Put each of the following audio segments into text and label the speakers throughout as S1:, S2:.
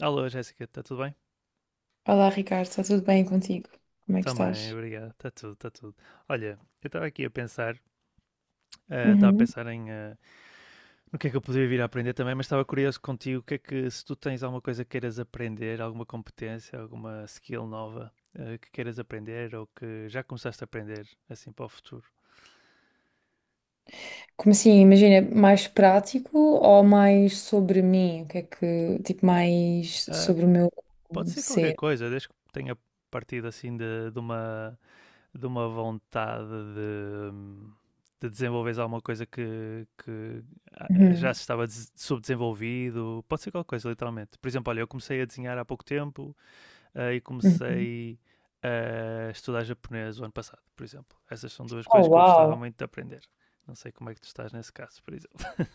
S1: Alô, Jéssica, está tudo bem?
S2: Olá, Ricardo, está tudo bem contigo? Como é que
S1: Também,
S2: estás?
S1: obrigado. Está tudo, está tudo. Olha, eu estava aqui a pensar, estava a
S2: Uhum.
S1: pensar em no que é que eu poderia vir a aprender também, mas estava curioso contigo, o que é que se tu tens alguma coisa que queiras aprender, alguma competência, alguma skill nova que queiras aprender ou que já começaste a aprender assim para o futuro?
S2: Como assim, imagina, mais prático ou mais sobre mim? O que é que, tipo, mais
S1: Ah,
S2: sobre o meu
S1: pode ser qualquer
S2: ser?
S1: coisa, desde que tenha partido assim de uma vontade de, de desenvolveres alguma coisa que
S2: Uhum.
S1: já se estava subdesenvolvido, pode ser qualquer coisa, literalmente. Por exemplo, olha, eu comecei a desenhar há pouco tempo e
S2: Uhum.
S1: comecei a estudar japonês o ano passado, por exemplo. Essas são duas coisas
S2: Oh,
S1: que eu gostava
S2: uau!
S1: muito de aprender. Não sei como é que tu estás nesse caso, por exemplo.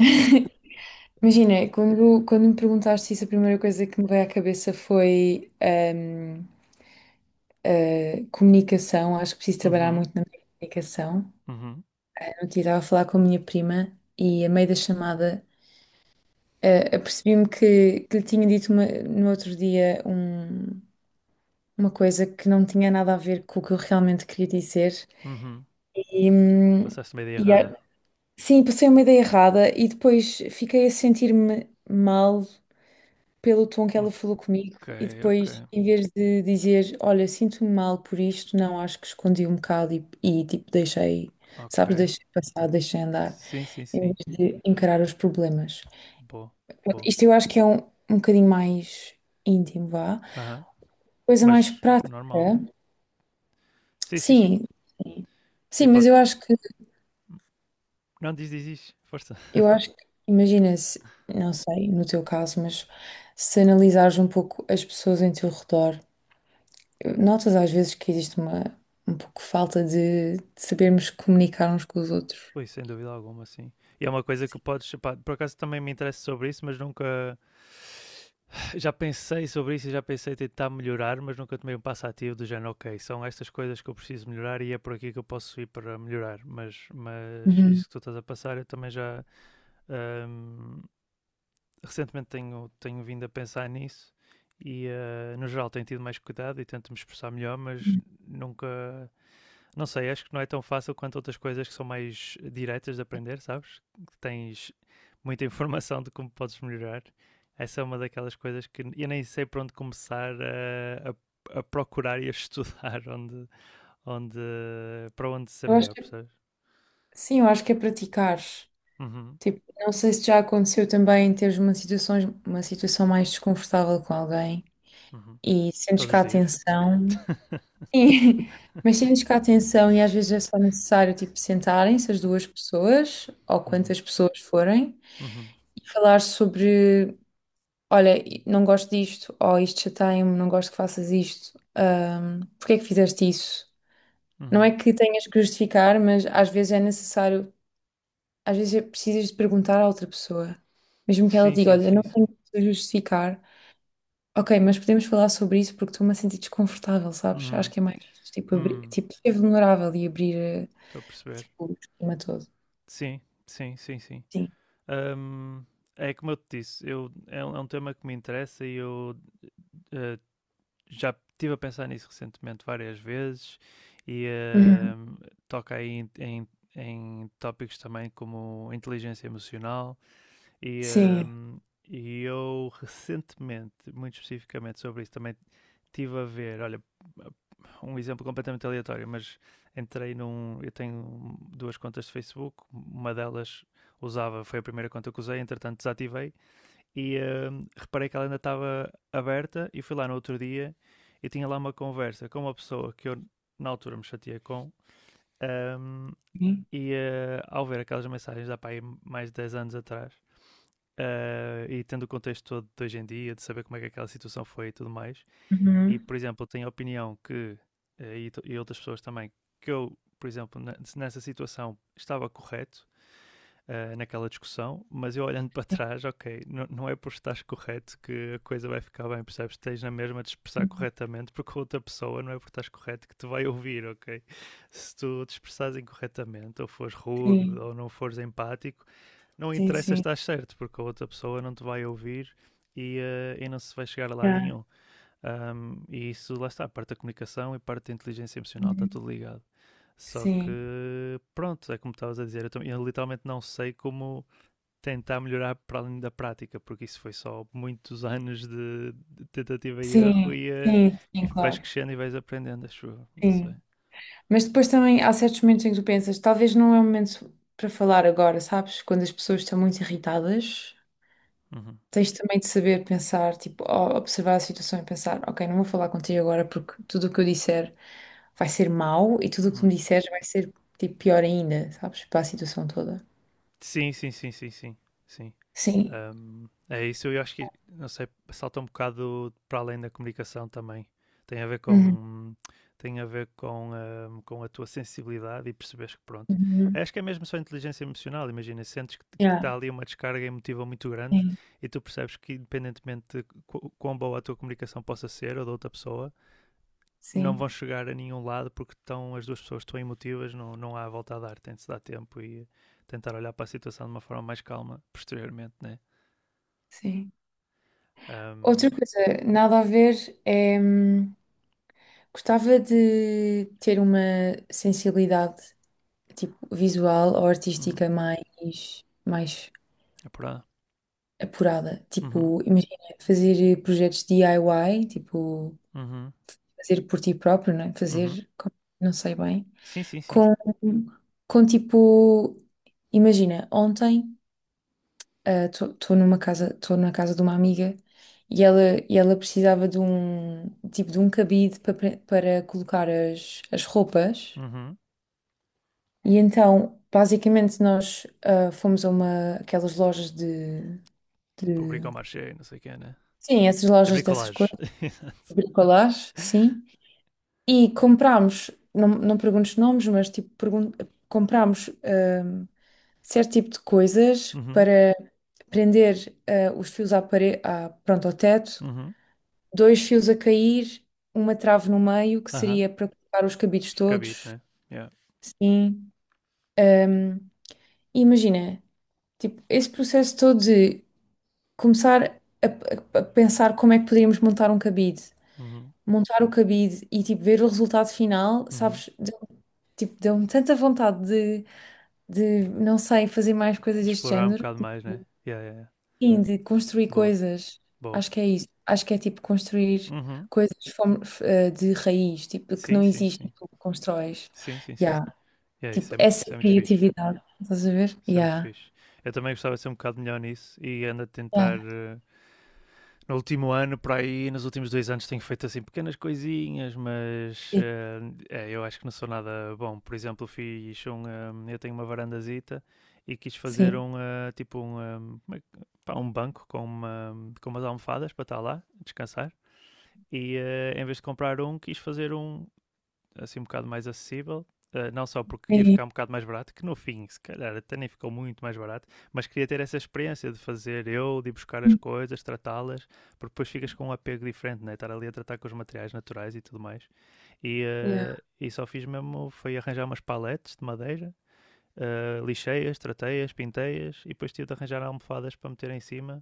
S2: Imagina, quando me perguntaste isso, a primeira coisa que me veio à cabeça foi comunicação. Acho que preciso trabalhar
S1: Uhum,
S2: muito na minha comunicação.
S1: uhum,
S2: Eu estava a falar com a minha prima e, a meio da chamada, apercebi-me que lhe no outro dia uma coisa que não tinha nada a ver com o que eu realmente queria dizer.
S1: uhum.
S2: E, hum,
S1: Passaste uma ideia
S2: e a-
S1: errada.
S2: sim, passei uma ideia errada e depois fiquei a sentir-me mal pelo tom que
S1: Ok,
S2: ela falou comigo. E
S1: ok,
S2: depois, em vez de dizer, olha, sinto-me mal por isto, não, acho que escondi um bocado e tipo,
S1: ok.
S2: sabes, deixei passar, deixei andar,
S1: Sim, sim,
S2: em
S1: sim.
S2: vez de encarar os problemas.
S1: Boa, boa.
S2: Isto eu acho que é um, um bocadinho mais íntimo, vá.
S1: Aham.
S2: Coisa mais
S1: Mas
S2: prática.
S1: normal. Sim, sim, sim.
S2: Sim, sim.
S1: E
S2: Sim, mas
S1: pode. Não, diz, diz, diz. Força.
S2: eu acho que, imagina se, não sei, no teu caso, mas se analisares um pouco as pessoas em teu redor, notas às vezes que existe uma, um pouco falta de sabermos comunicar uns com os outros.
S1: Ui, sem dúvida alguma, sim. E é uma coisa que
S2: Sim.
S1: podes. Pá, por acaso também me interessa sobre isso, mas nunca. Já pensei sobre isso e já pensei em tentar melhorar, mas nunca tomei um passo ativo do género, ok, são estas coisas que eu preciso melhorar e é por aqui que eu posso ir para melhorar. Mas
S2: Uhum.
S1: isso que tu estás a passar, eu também já ahm, recentemente tenho vindo a pensar nisso e no geral tenho tido mais cuidado e tento me expressar melhor, mas nunca. Não sei, acho que não é tão fácil quanto outras coisas que são mais diretas de aprender, sabes? Que tens muita informação de como podes melhorar. Essa é uma daquelas coisas que eu nem sei por onde começar a procurar e a estudar onde, para onde ser
S2: Eu acho
S1: melhor,
S2: que,
S1: percebes?
S2: sim, eu acho que é praticar.
S1: Uhum,
S2: Tipo, não sei se já aconteceu também teres uma situação mais desconfortável com alguém.
S1: uhum.
S2: E sentes
S1: Todos
S2: que
S1: os
S2: a
S1: dias?
S2: atenção. Sim, mas sentes que a atenção e às vezes é só necessário tipo sentarem-se as duas pessoas ou
S1: Uhum,
S2: quantas pessoas forem
S1: uhum,
S2: e falar sobre, olha, não gosto disto, ou isto chateia-me, não gosto que faças isto, porque é que fizeste isso? Não é
S1: uhum.
S2: que tenhas que justificar, mas às vezes é necessário, às vezes é precisas de perguntar à outra pessoa, mesmo que ela
S1: Sim,
S2: diga,
S1: sim,
S2: olha,
S1: sim,
S2: não
S1: sim.
S2: tenho que justificar. Ok, mas podemos falar sobre isso porque estou-me a sentir desconfortável, sabes? Acho
S1: Uhum.
S2: que é mais tipo, abrir,
S1: Hum,
S2: tipo ser vulnerável e abrir
S1: Estou a perceber.
S2: tipo, o esquema todo.
S1: Sim, sim, sim, sim.
S2: Sim.
S1: Ahm, É como eu te disse, é um tema que me interessa e eu eh, já estive a pensar nisso recentemente várias vezes e
S2: Uhum.
S1: toca aí em, em tópicos também como inteligência emocional e, eh,
S2: Sim.
S1: e eu recentemente, muito especificamente sobre isso, também estive a ver, olha, um exemplo completamente aleatório, mas entrei num. Eu tenho duas contas de Facebook, uma delas usava, foi a primeira conta que usei, entretanto desativei e reparei que ela ainda estava aberta e fui lá no outro dia e tinha lá uma conversa com uma pessoa que eu na altura me chateei com hum, ao ver aquelas mensagens da pai mais de 10 anos atrás e tendo o contexto todo de hoje em dia, de saber como é que aquela situação foi e tudo mais, e
S2: Uhum.
S1: por exemplo, tenho a opinião que, e outras pessoas também, que eu, por exemplo, nessa situação estava correto naquela discussão, mas eu olhando para trás, ok, não é por estares correto que a coisa vai ficar bem, percebes? Tens na mesma de expressar corretamente, porque a outra pessoa não é por estares correto que te vai ouvir, ok? Se tu te expressares incorretamente, ou fores rude,
S2: Sim,
S1: ou não fores empático, não
S2: sim,
S1: interessa
S2: sim.
S1: estar certo, porque a outra pessoa não te vai ouvir e, e não se vai chegar a lado
S2: Yeah.
S1: nenhum. E isso lá está, parte da comunicação e parte da inteligência emocional está
S2: Uhum.
S1: tudo ligado. Só
S2: Sim,
S1: que, pronto, é como estavas a dizer, eu literalmente não sei como tentar melhorar para além da prática, porque isso foi só muitos anos de tentativa e erro
S2: sim,
S1: e, eh,
S2: sim,
S1: e
S2: sim,
S1: vais
S2: claro.
S1: crescendo e vais aprendendo, acho eu, não sei.
S2: Sim. Mas depois também há certos momentos em que tu pensas, talvez não é o momento para falar agora, sabes? Quando as pessoas estão muito irritadas.
S1: Uhum,
S2: Tens também de saber pensar, tipo, observar a situação e pensar, ok, não vou falar contigo agora porque tudo o que eu disser vai ser mau e tudo o que tu me
S1: uhum.
S2: disseres vai ser, tipo, pior ainda, sabes? Para a situação toda.
S1: Sim, sim, sim, sim, sim, sim.
S2: Sim.
S1: É isso, eu acho que, não sei, salta um bocado para além da comunicação também. Tem a ver
S2: Uhum.
S1: com a tua sensibilidade e perceberes que pronto.
S2: Uhum.
S1: Acho que é mesmo só inteligência emocional, imagina, sentes que
S2: Yeah.
S1: está ali uma descarga emotiva muito grande
S2: Sim,
S1: e tu percebes que independentemente de quão boa a tua comunicação possa ser ou da outra pessoa, não
S2: sim,
S1: vão chegar a nenhum lado porque as duas pessoas estão emotivas, não, não há volta a dar, tem de se dar tempo e tentar olhar para a situação de uma forma mais calma posteriormente, né?
S2: sim. Outra
S1: Um,
S2: coisa, nada a ver, é, gostava de ter uma sensibilidade, tipo, visual ou
S1: hum,
S2: artística mais, mais
S1: É por lá.
S2: apurada.
S1: Uhum,
S2: Tipo, imagina fazer projetos DIY, tipo,
S1: uhum,
S2: fazer por ti próprio, né?
S1: uhum.
S2: Fazer, não sei bem,
S1: Sim, sim, sim.
S2: com, com tipo, imagina, ontem estou na casa de uma amiga e ela, e ela precisava de um, tipo, de um cabide para, para colocar as roupas
S1: Uhum.
S2: e então, basicamente, nós fomos a uma, aquelas lojas de
S1: Tipo o
S2: de-
S1: bricomarché, não sei o que, né?
S2: sim, essas
S1: De
S2: lojas dessas
S1: bricolage.
S2: coisas bricolage, sim. E comprámos, não, não perguntes nomes, mas tipo, pergun comprámos certo tipo de coisas
S1: Uhum,
S2: para prender os fios à parede, à, pronto, ao teto,
S1: uhum,
S2: dois fios a cair, uma trave no meio, que
S1: aham.
S2: seria para colocar os cabides
S1: Os cabides,
S2: todos,
S1: né? Yeah.
S2: sim. Hum, e imagina, tipo, esse processo todo de começar a pensar como é que poderíamos
S1: Uhum,
S2: montar o cabide e tipo ver o resultado final,
S1: uhum.
S2: sabes? Tipo, deu-me tanta vontade de, não sei, fazer mais coisas deste
S1: Explorar um
S2: género.
S1: bocado mais, né? Yeah, yeah, yeah.
S2: Sim, de construir
S1: Boa,
S2: coisas.
S1: boa.
S2: Acho que é isso. Acho que é tipo construir
S1: Uhum.
S2: coisas de raiz, tipo, que
S1: Sim,
S2: não
S1: sim,
S2: existe,
S1: sim.
S2: tu constróis.
S1: Sim, sim, sim.
S2: Yeah.
S1: Yeah,
S2: Tipo, essa
S1: isso é muito fixe.
S2: criatividade. Estás a ver?
S1: Isso é muito
S2: Yeah.
S1: fixe. Eu também gostava de ser um bocado melhor nisso e ando a
S2: Yeah.
S1: tentar. No último ano, por aí, nos últimos dois anos, tenho feito assim pequenas coisinhas, mas
S2: Sim.
S1: eu acho que não sou nada bom. Por exemplo, fiz um. Eu tenho uma varandazita e quis fazer
S2: Sim.
S1: um. Tipo um. Pá, um banco com, uma, com umas almofadas para estar lá, descansar. E em vez de comprar um, quis fazer um, assim um bocado mais acessível. Não só porque ia ficar um bocado mais barato, que no fim, se calhar, até nem ficou muito mais barato, mas queria ter essa experiência de fazer eu, de ir buscar as
S2: Sim.
S1: coisas, tratá-las, porque depois ficas com um apego diferente, né? Estar ali a tratar com os materiais naturais e tudo mais.
S2: Yeah.
S1: E só fiz mesmo, foi arranjar umas paletes de madeira, lixei-as, tratei-as, pintei-as, e depois tive de arranjar almofadas para meter em cima,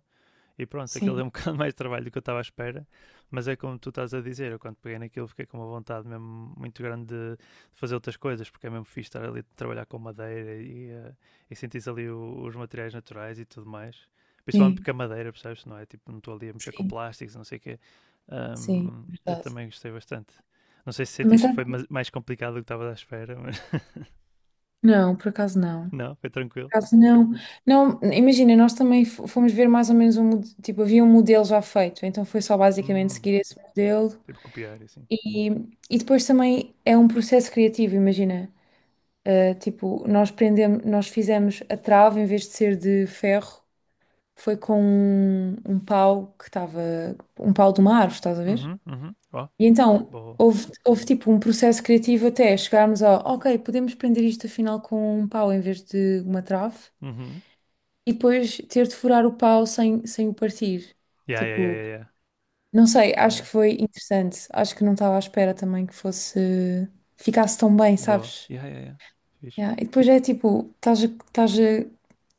S1: e pronto, aquilo
S2: Sim.
S1: deu um bocado mais de trabalho do que eu estava à espera, mas é como tu estás a dizer, eu quando peguei naquilo fiquei com uma vontade mesmo muito grande de fazer outras coisas, porque é mesmo fixe estar ali a trabalhar com madeira e sentir ali os materiais naturais e tudo mais. Principalmente
S2: Sim.
S1: porque a madeira, percebes? Não é tipo, não estou ali a mexer com
S2: Sim.
S1: plásticos, não sei o quê.
S2: Sim.
S1: Eu
S2: Verdade.
S1: também gostei bastante. Não sei se
S2: Mas
S1: sentiste que
S2: é-
S1: foi mais complicado do que estava à espera, mas
S2: não, por acaso não.
S1: não, foi tranquilo.
S2: Caso não, não, imagina, nós também fomos ver mais ou menos um, tipo, havia um modelo já feito, então foi só basicamente
S1: Hum,
S2: seguir esse modelo
S1: tipo copiar e assim.
S2: e, e depois também é um processo criativo, imagina, uh, tipo, nós fizemos a trave em vez de ser de ferro, foi com um, um pau que estava, um pau de uma árvore, estás a ver?
S1: Uhum, uhum. Ó,
S2: E então
S1: boa.
S2: houve tipo um processo criativo até chegarmos ao, ok, podemos prender isto afinal com um pau em vez de uma trave.
S1: Uhum.
S2: E depois ter de furar o pau sem, sem o partir.
S1: Yeah, yeah, yeah,
S2: Tipo,
S1: yeah, yeah.
S2: não sei, acho
S1: Yeah.
S2: que foi interessante. Acho que não estava à espera também que fosse, ficasse tão bem,
S1: Boa.
S2: sabes?
S1: Yeah, yeah, yeah. Fixe.
S2: Yeah. E depois é tipo,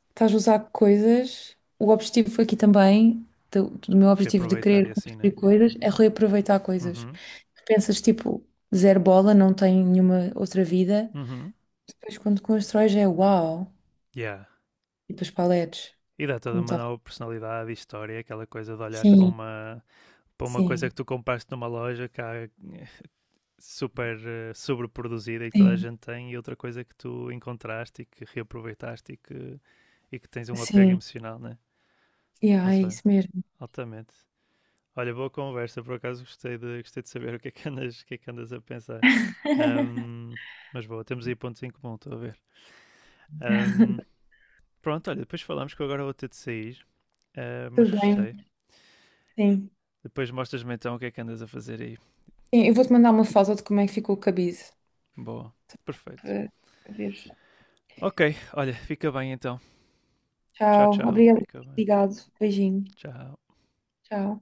S2: estás a usar coisas. O objetivo aqui também, do meu objetivo de
S1: Reaproveitar
S2: querer
S1: e assim, né?
S2: construir coisas, é reaproveitar coisas.
S1: Uhum.
S2: Pensas tipo, zero bola, não tem nenhuma outra vida.
S1: Uhum.
S2: Depois quando constróis é uau.
S1: Yeah.
S2: E depois paletes,
S1: E dá toda
S2: como
S1: uma
S2: estava.
S1: nova personalidade e história, aquela coisa de olhares
S2: Sim,
S1: para uma coisa
S2: sim,
S1: que tu compraste numa loja que cá super sobreproduzida e que toda a
S2: sim.
S1: gente tem, e outra coisa que tu encontraste e que reaproveitaste e que tens um apego
S2: Sim,
S1: emocional, né?
S2: yeah,
S1: Mas
S2: é
S1: olha,
S2: isso mesmo.
S1: altamente. Olha, boa conversa, por acaso gostei de saber o que é que andas, o que é que andas a pensar. Ahm, mas boa, temos aí pontos em comum, estou a ver. Ahm, Pronto, olha, depois falamos que eu agora vou ter de sair, mas
S2: Tudo bem,
S1: gostei.
S2: sim.
S1: Depois mostras-me então o que é que andas a fazer aí.
S2: Sim, eu vou-te mandar uma foto de como é que ficou o cabide.
S1: Boa, perfeito.
S2: Para para veres.
S1: Ok, olha, fica bem então. Tchau,
S2: Tchau.
S1: tchau.
S2: Obrigado por
S1: Fica bem.
S2: ligado. Beijinho.
S1: Tchau.
S2: Tchau.